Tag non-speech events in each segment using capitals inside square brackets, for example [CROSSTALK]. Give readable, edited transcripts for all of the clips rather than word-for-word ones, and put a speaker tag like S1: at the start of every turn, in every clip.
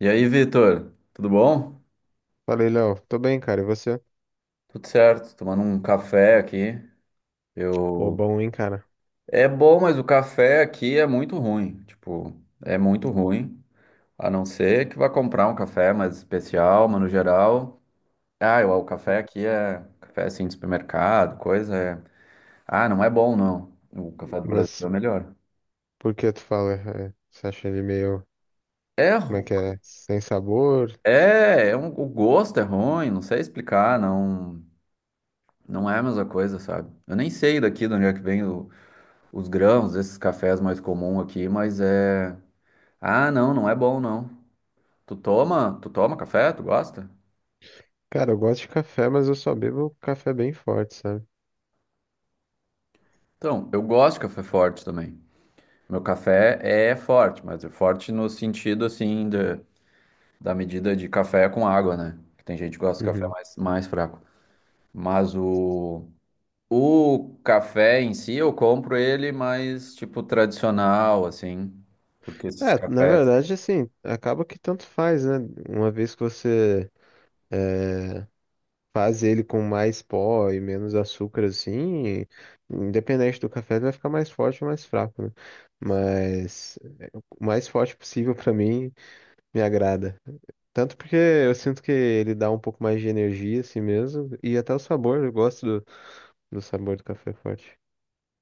S1: E aí, Vitor, tudo bom?
S2: Falei, Léo, tô bem, cara. E você?
S1: Tudo certo, tomando um café aqui.
S2: Pô,
S1: Eu
S2: bom, hein, cara?
S1: É bom, mas o café aqui é muito ruim, tipo, é muito ruim. A não ser que vá comprar um café mais especial, mas no geral, ah, o café aqui é café assim de supermercado, coisa é, ah, não é bom não. O café do Brasil é
S2: Mas
S1: melhor.
S2: por que tu fala? Você acha ele meio,
S1: É,
S2: como é que é? Sem sabor?
S1: o gosto é ruim, não sei explicar, não, não é a mesma coisa, sabe? Eu nem sei daqui de onde é que vem os grãos, esses cafés mais comuns aqui, mas é. Ah, não, não é bom não. Tu toma café? Tu gosta?
S2: Cara, eu gosto de café, mas eu só bebo café bem forte, sabe?
S1: Então, eu gosto de café forte também. Meu café é forte, mas é forte no sentido assim da medida de café com água, né? Que tem gente que gosta de café
S2: Uhum.
S1: mais fraco. Mas o café em si eu compro ele mais tipo tradicional assim, porque esses
S2: É, na
S1: cafés.
S2: verdade, assim, acaba que tanto faz, né? Uma vez que você é, faz ele com mais pó e menos açúcar, assim, independente do café, ele vai ficar mais forte ou mais fraco, né? Mas o mais forte possível pra mim me agrada. Tanto porque eu sinto que ele dá um pouco mais de energia assim mesmo. E até o sabor, eu gosto do sabor do café forte.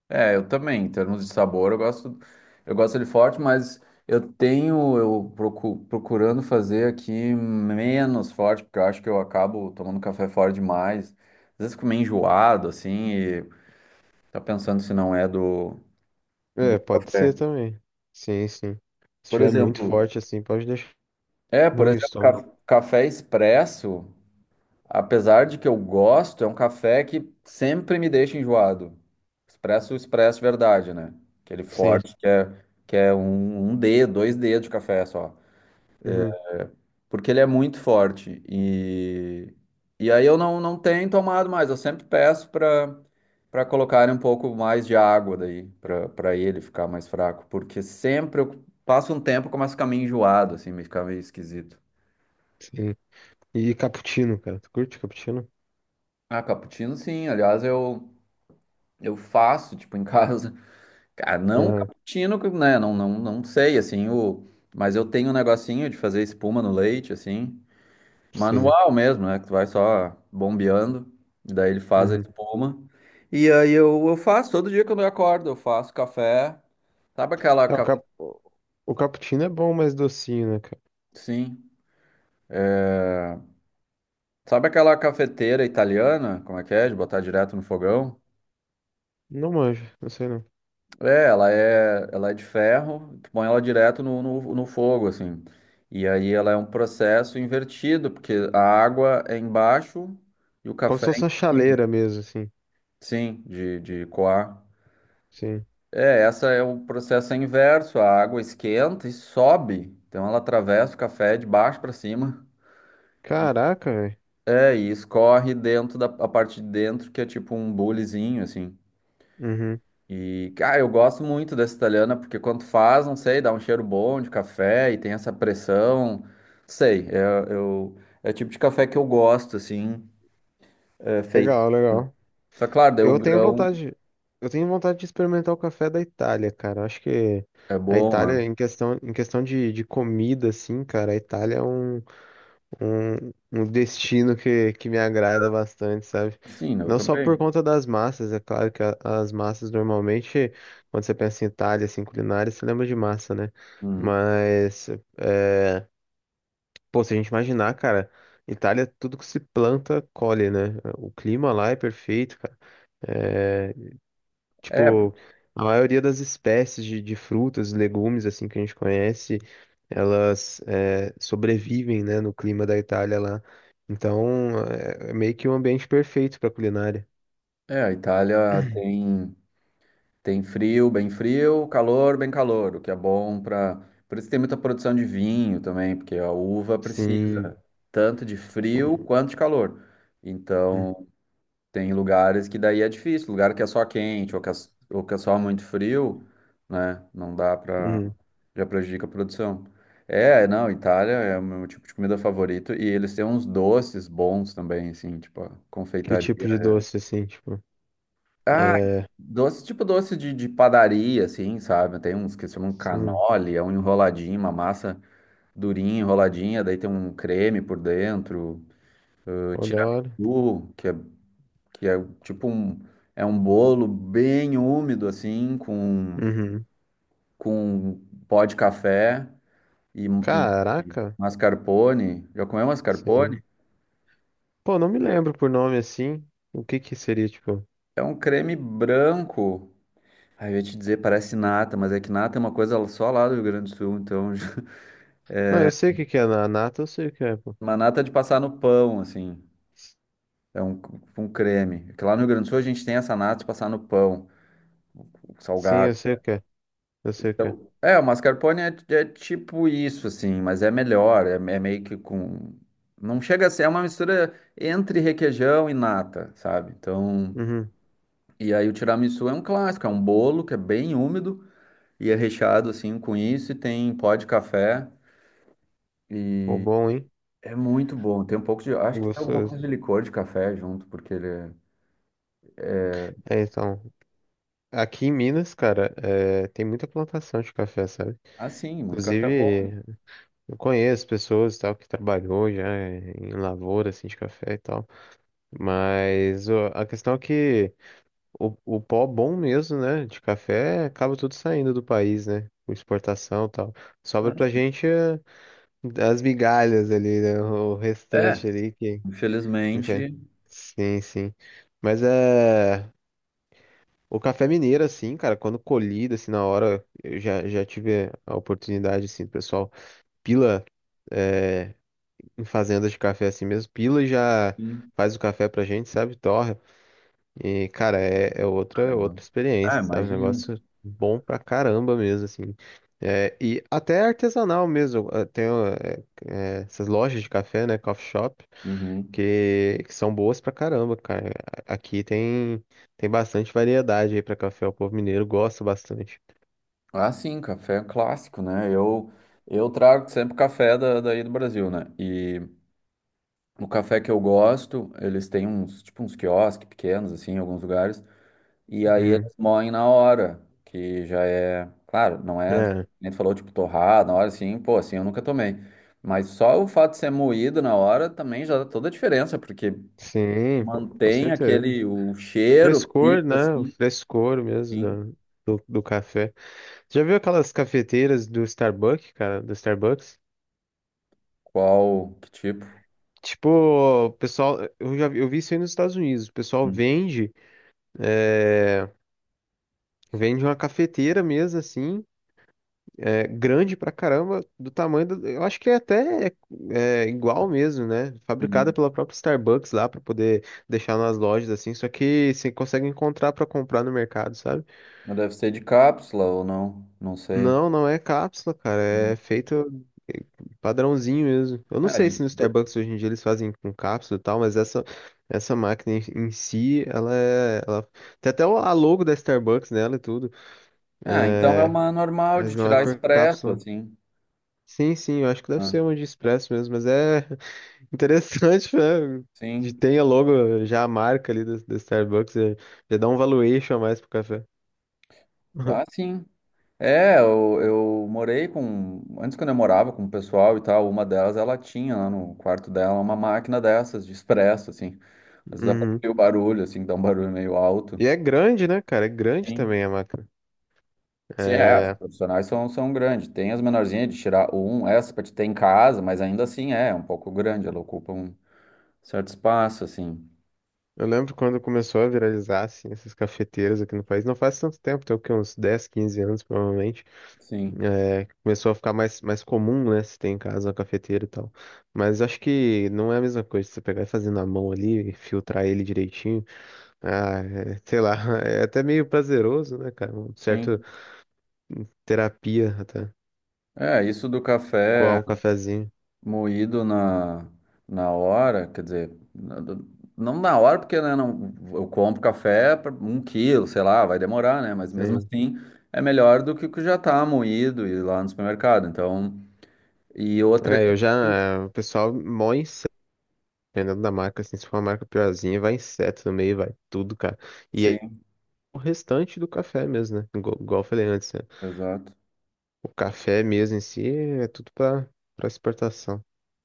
S1: É, eu também, em termos de sabor, eu gosto dele forte, mas eu tenho, eu procu- procurando fazer aqui menos forte, porque eu acho que eu acabo tomando café forte demais. Às vezes fico meio enjoado, assim, e tá pensando se não é do
S2: É, pode
S1: café.
S2: ser também. Sim, sim. Se
S1: Por
S2: tiver muito
S1: exemplo,
S2: forte assim, pode deixar
S1: é, por
S2: ruim o
S1: exemplo,
S2: estômago.
S1: ca- café expresso. Apesar de que eu gosto, é um café que sempre me deixa enjoado. Expresso, expresso, verdade, né? Aquele
S2: Sim.
S1: forte que é um dedo, dois dedos de café só.
S2: Uhum,
S1: Porque ele é muito forte. E aí eu não tenho tomado mais. Eu sempre peço para colocarem um pouco mais de água daí, para ele ficar mais fraco. Porque sempre eu passo um tempo e começo a ficar meio enjoado, assim, me fica meio esquisito.
S2: sim. E cappuccino, cara. Tu curte cappuccino?
S1: Ah, cappuccino sim. Aliás, eu faço, tipo, em [LAUGHS] casa. Cara, não o
S2: Aham,
S1: cappuccino, né? Não sei, assim, mas eu tenho um negocinho de fazer espuma no leite, assim,
S2: sim.
S1: manual mesmo, né? Que tu vai só bombeando, e daí ele faz a
S2: Uhum.
S1: espuma. E aí eu faço, todo dia quando eu acordo, eu faço café. Sabe aquela
S2: É,
S1: cafe...
S2: O cappuccino é bom, mas docinho, né, cara?
S1: Sim. Sabe aquela cafeteira italiana? Como é que é? De botar direto no fogão?
S2: Não manjo, não sei não.
S1: É, ela é de ferro, tu põe ela direto no fogo, assim. E aí ela é um processo invertido, porque a água é embaixo e o
S2: Como
S1: café
S2: se
S1: é em
S2: fosse uma
S1: cima.
S2: chaleira mesmo, assim.
S1: Sim, de coar.
S2: Sim.
S1: É, essa é o processo inverso, a água esquenta e sobe. Então ela atravessa o café de baixo para cima. E-
S2: Caraca, velho.
S1: É, e escorre dentro da a parte de dentro, que é tipo um bulizinho, assim.
S2: Uhum.
S1: E, cara, eu gosto muito dessa italiana, porque quando faz, não sei, dá um cheiro bom de café e tem essa pressão. Sei, eu, é o tipo de café que eu gosto, assim, feito.
S2: Legal, legal.
S1: Só claro, daí o
S2: Eu tenho
S1: grão
S2: vontade, eu tenho vontade de experimentar o café da Itália, cara. Eu acho que
S1: é
S2: a
S1: bom, é.
S2: Itália, em questão, de, comida, assim, cara, a Itália é um destino que me agrada bastante, sabe?
S1: Sim, né, eu
S2: Não só por
S1: também.
S2: conta das massas, é claro que as massas normalmente, quando você pensa em Itália, assim, culinária, você lembra de massa, né?
S1: Hum.
S2: Mas, é, pô, se a gente imaginar, cara, Itália, tudo que se planta, colhe, né? O clima lá é perfeito, cara. É,
S1: É,
S2: tipo, a maioria das espécies de, frutas, legumes, assim, que a gente conhece, elas sobrevivem, né, no clima da Itália lá. Então, é meio que um ambiente perfeito para culinária.
S1: é, a Itália tem, frio, bem frio, calor, bem calor, o que é bom para. Por isso tem muita produção de vinho também, porque a uva
S2: Sim.
S1: precisa tanto de frio quanto de calor.
S2: Hum,
S1: Então. Tem lugares que daí é difícil, lugar que é só quente ou que é só muito frio, né? Não dá pra.
S2: hum.
S1: Já prejudica a produção. É, não, Itália é o meu tipo de comida favorito e eles têm uns doces bons também, assim, tipo a
S2: Que
S1: confeitaria.
S2: tipo de doce, assim, tipo?
S1: Ah,
S2: É,
S1: doce, tipo doce de padaria, assim, sabe? Tem uns que se chamam
S2: sim,
S1: cannoli, é um enroladinho, uma massa durinha, enroladinha, daí tem um creme por dentro, o
S2: pô, da hora.
S1: tiramisu, que é tipo um, é um bolo bem úmido assim, com,
S2: Uhum.
S1: com pó de café e
S2: Caraca,
S1: mascarpone. Já comeu mascarpone?
S2: sim. Pô, não me lembro por nome assim. O que que seria, tipo?
S1: É um creme branco. Aí eu ia te dizer, parece nata, mas é que nata é uma coisa só lá do Rio Grande do Sul, então [LAUGHS]
S2: Ah, eu sei o que que é na nata, eu sei o que é, pô.
S1: uma nata é de passar no pão, assim. É um creme. Porque lá no Rio Grande do Sul a gente tem essa nata de passar no pão,
S2: Sim, eu
S1: salgado.
S2: sei o que é. Eu sei o que é.
S1: Então, o mascarpone é tipo isso, assim, mas é melhor, é meio que com... Não chega a ser, é uma mistura entre requeijão e nata, sabe? Então,
S2: Uhum.
S1: e aí o tiramisu é um clássico, é um bolo que é bem úmido e é recheado, assim, com isso e tem pó de café
S2: Pô,
S1: e
S2: bom, hein?
S1: é muito bom. Tem um pouco de... Acho que tem alguma
S2: Gostoso.
S1: coisa de licor de café junto, porque ele é...
S2: É, então, aqui em Minas, cara, é, tem muita plantação de café, sabe?
S1: Ah, sim, muito café é bom, né?
S2: Inclusive, eu conheço pessoas e tal que trabalhou já em lavoura, assim, de café e tal. Mas ó, a questão é que o pó bom mesmo, né, de café, acaba tudo saindo do país, né? Com exportação e tal. Sobra
S1: Ah,
S2: pra
S1: sim.
S2: gente é, as migalhas ali, né? O
S1: É,
S2: restante ali que... Enfim,
S1: infelizmente,
S2: sim, sim. Mas é... O café mineiro, assim, cara, quando colhido, assim, na hora, já tive a oportunidade, assim, do pessoal pila é, em fazendas de café assim mesmo, pila e já
S1: sim.
S2: faz o café pra gente, sabe? Torra. E, cara, é
S1: Ah, legal.
S2: outra
S1: Ah,
S2: experiência, sabe? Um
S1: imagino.
S2: negócio bom pra caramba mesmo, assim. É, e até artesanal mesmo. Tem ó, essas lojas de café, né? Coffee shop
S1: Uhum.
S2: que, são boas pra caramba, cara. Aqui tem, bastante variedade aí pra café. O povo mineiro gosta bastante.
S1: Ah, sim, café é um clássico, né? Eu trago sempre café daí do Brasil, né? E o café que eu gosto, eles têm uns, tipo, uns quiosques pequenos, assim, em alguns lugares. E aí
S2: Uhum.
S1: eles moem na hora, que já é, claro, não é,
S2: É,
S1: nem tu falou, tipo, torrado, na hora, assim, pô, assim, eu nunca tomei. Mas só o fato de ser moído na hora também já dá toda a diferença, porque
S2: sim, pô, com
S1: mantém
S2: certeza.
S1: aquele, o cheiro
S2: Frescor,
S1: fica
S2: né? O
S1: assim,
S2: frescor mesmo
S1: assim,
S2: do café. Já viu aquelas cafeteiras do Starbucks, cara? Do Starbucks?
S1: qual, que tipo.
S2: Tipo, o pessoal, eu vi isso aí nos Estados Unidos. O pessoal vende, é, vende uma cafeteira mesmo, assim, é, grande pra caramba, do tamanho do, eu acho que é até é, igual mesmo, né? Fabricada
S1: Uhum.
S2: pela própria Starbucks lá pra poder deixar nas lojas assim, só que você consegue encontrar pra comprar no mercado, sabe?
S1: Mas deve ser de cápsula ou não, não sei.
S2: Não, não é cápsula, cara, é
S1: Hum.
S2: feito é, padrãozinho mesmo. Eu não
S1: Ah,
S2: sei se no Starbucks hoje em dia eles fazem com cápsula e tal, mas essa máquina em si, ela tem até a logo da Starbucks nela e tudo,
S1: ah, então é uma normal de
S2: mas não é
S1: tirar
S2: por
S1: expresso,
S2: cápsula.
S1: assim.
S2: Sim, sim, eu acho que deve
S1: Ah,
S2: ser uma de expresso mesmo, mas é interessante, [LAUGHS] né? Que
S1: sim.
S2: tenha logo já a marca ali da do Starbucks, já dá um valuation a mais pro café.
S1: Ah,
S2: [LAUGHS]
S1: sim. É, eu morei com. Antes, quando eu morava com o pessoal e tal, uma delas, ela tinha lá no quarto dela uma máquina dessas de expresso, assim. Às vezes
S2: Uhum.
S1: aproveita o barulho, assim, que dá um barulho meio alto.
S2: E é grande, né, cara? É grande
S1: Sim.
S2: também a máquina.
S1: Sim, é, as
S2: É,
S1: profissionais são grandes. Tem as menorzinhas de tirar um, essa pra te ter em casa, mas ainda assim é, um pouco grande, ela ocupa um certo espaço, assim.
S2: eu lembro quando começou a viralizar, assim, essas cafeteiras aqui no país. Não faz tanto tempo, tem o quê? Uns 10, 15 anos, provavelmente.
S1: Sim,
S2: É, começou a ficar mais comum, né? Se tem em casa uma cafeteira e tal. Mas acho que não é a mesma coisa você pegar e fazer na mão ali, filtrar ele direitinho. Ah, é, sei lá, [LAUGHS] é até meio prazeroso, né, cara? Um certo
S1: sim.
S2: terapia até.
S1: É, isso do
S2: Coar
S1: café
S2: um cafezinho.
S1: moído na hora, quer dizer, não na hora, porque né, não, eu compro café para um quilo, sei lá, vai demorar, né? Mas mesmo
S2: Sim.
S1: assim é melhor do que o que já tá moído e lá no supermercado. Então, e outra que.
S2: O pessoal mó inseto, dependendo da marca, assim, se for uma marca piorzinha, vai inseto no meio, vai tudo, cara. E aí
S1: Sim,
S2: o restante do café mesmo, né? Igual eu falei antes, né?
S1: exato.
S2: O café mesmo em si é tudo pra, pra exportação.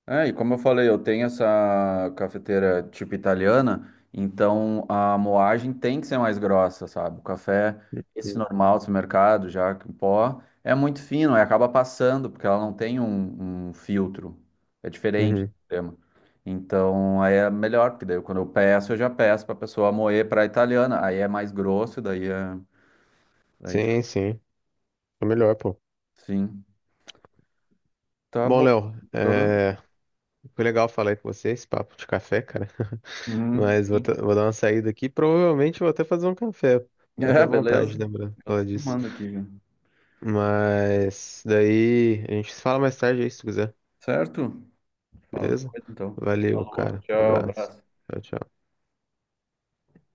S1: É, e como eu falei, eu tenho essa cafeteira tipo italiana, então a moagem tem que ser mais grossa, sabe? O café, esse
S2: Sim.
S1: normal do mercado, já em pó, é muito fino, aí acaba passando, porque ela não tem um, filtro. É diferente o
S2: Uhum.
S1: sistema. Então aí é melhor, porque daí quando eu peço, eu já peço pra pessoa moer pra italiana. Aí é mais grosso, daí é. Daí fica
S2: Sim, sim. É melhor, pô.
S1: assim. Tá
S2: Bom,
S1: bom.
S2: Léo,
S1: Hã?
S2: é, foi legal falar aí com você, esse papo de café, cara.
S1: Hum,
S2: Mas
S1: sim. [LAUGHS]
S2: vou dar uma saída aqui. Provavelmente vou até fazer um café. Dá até
S1: É, beleza.
S2: vontade, lembrando,
S1: Eu tô
S2: falar disso.
S1: tomando aqui, já.
S2: Mas daí a gente se fala mais tarde aí, se tu quiser.
S1: Certo? Fala
S2: Beleza?
S1: depois então.
S2: Valeu,
S1: Alô,
S2: cara. Um
S1: tchau,
S2: abraço.
S1: abraço.
S2: Tchau, tchau.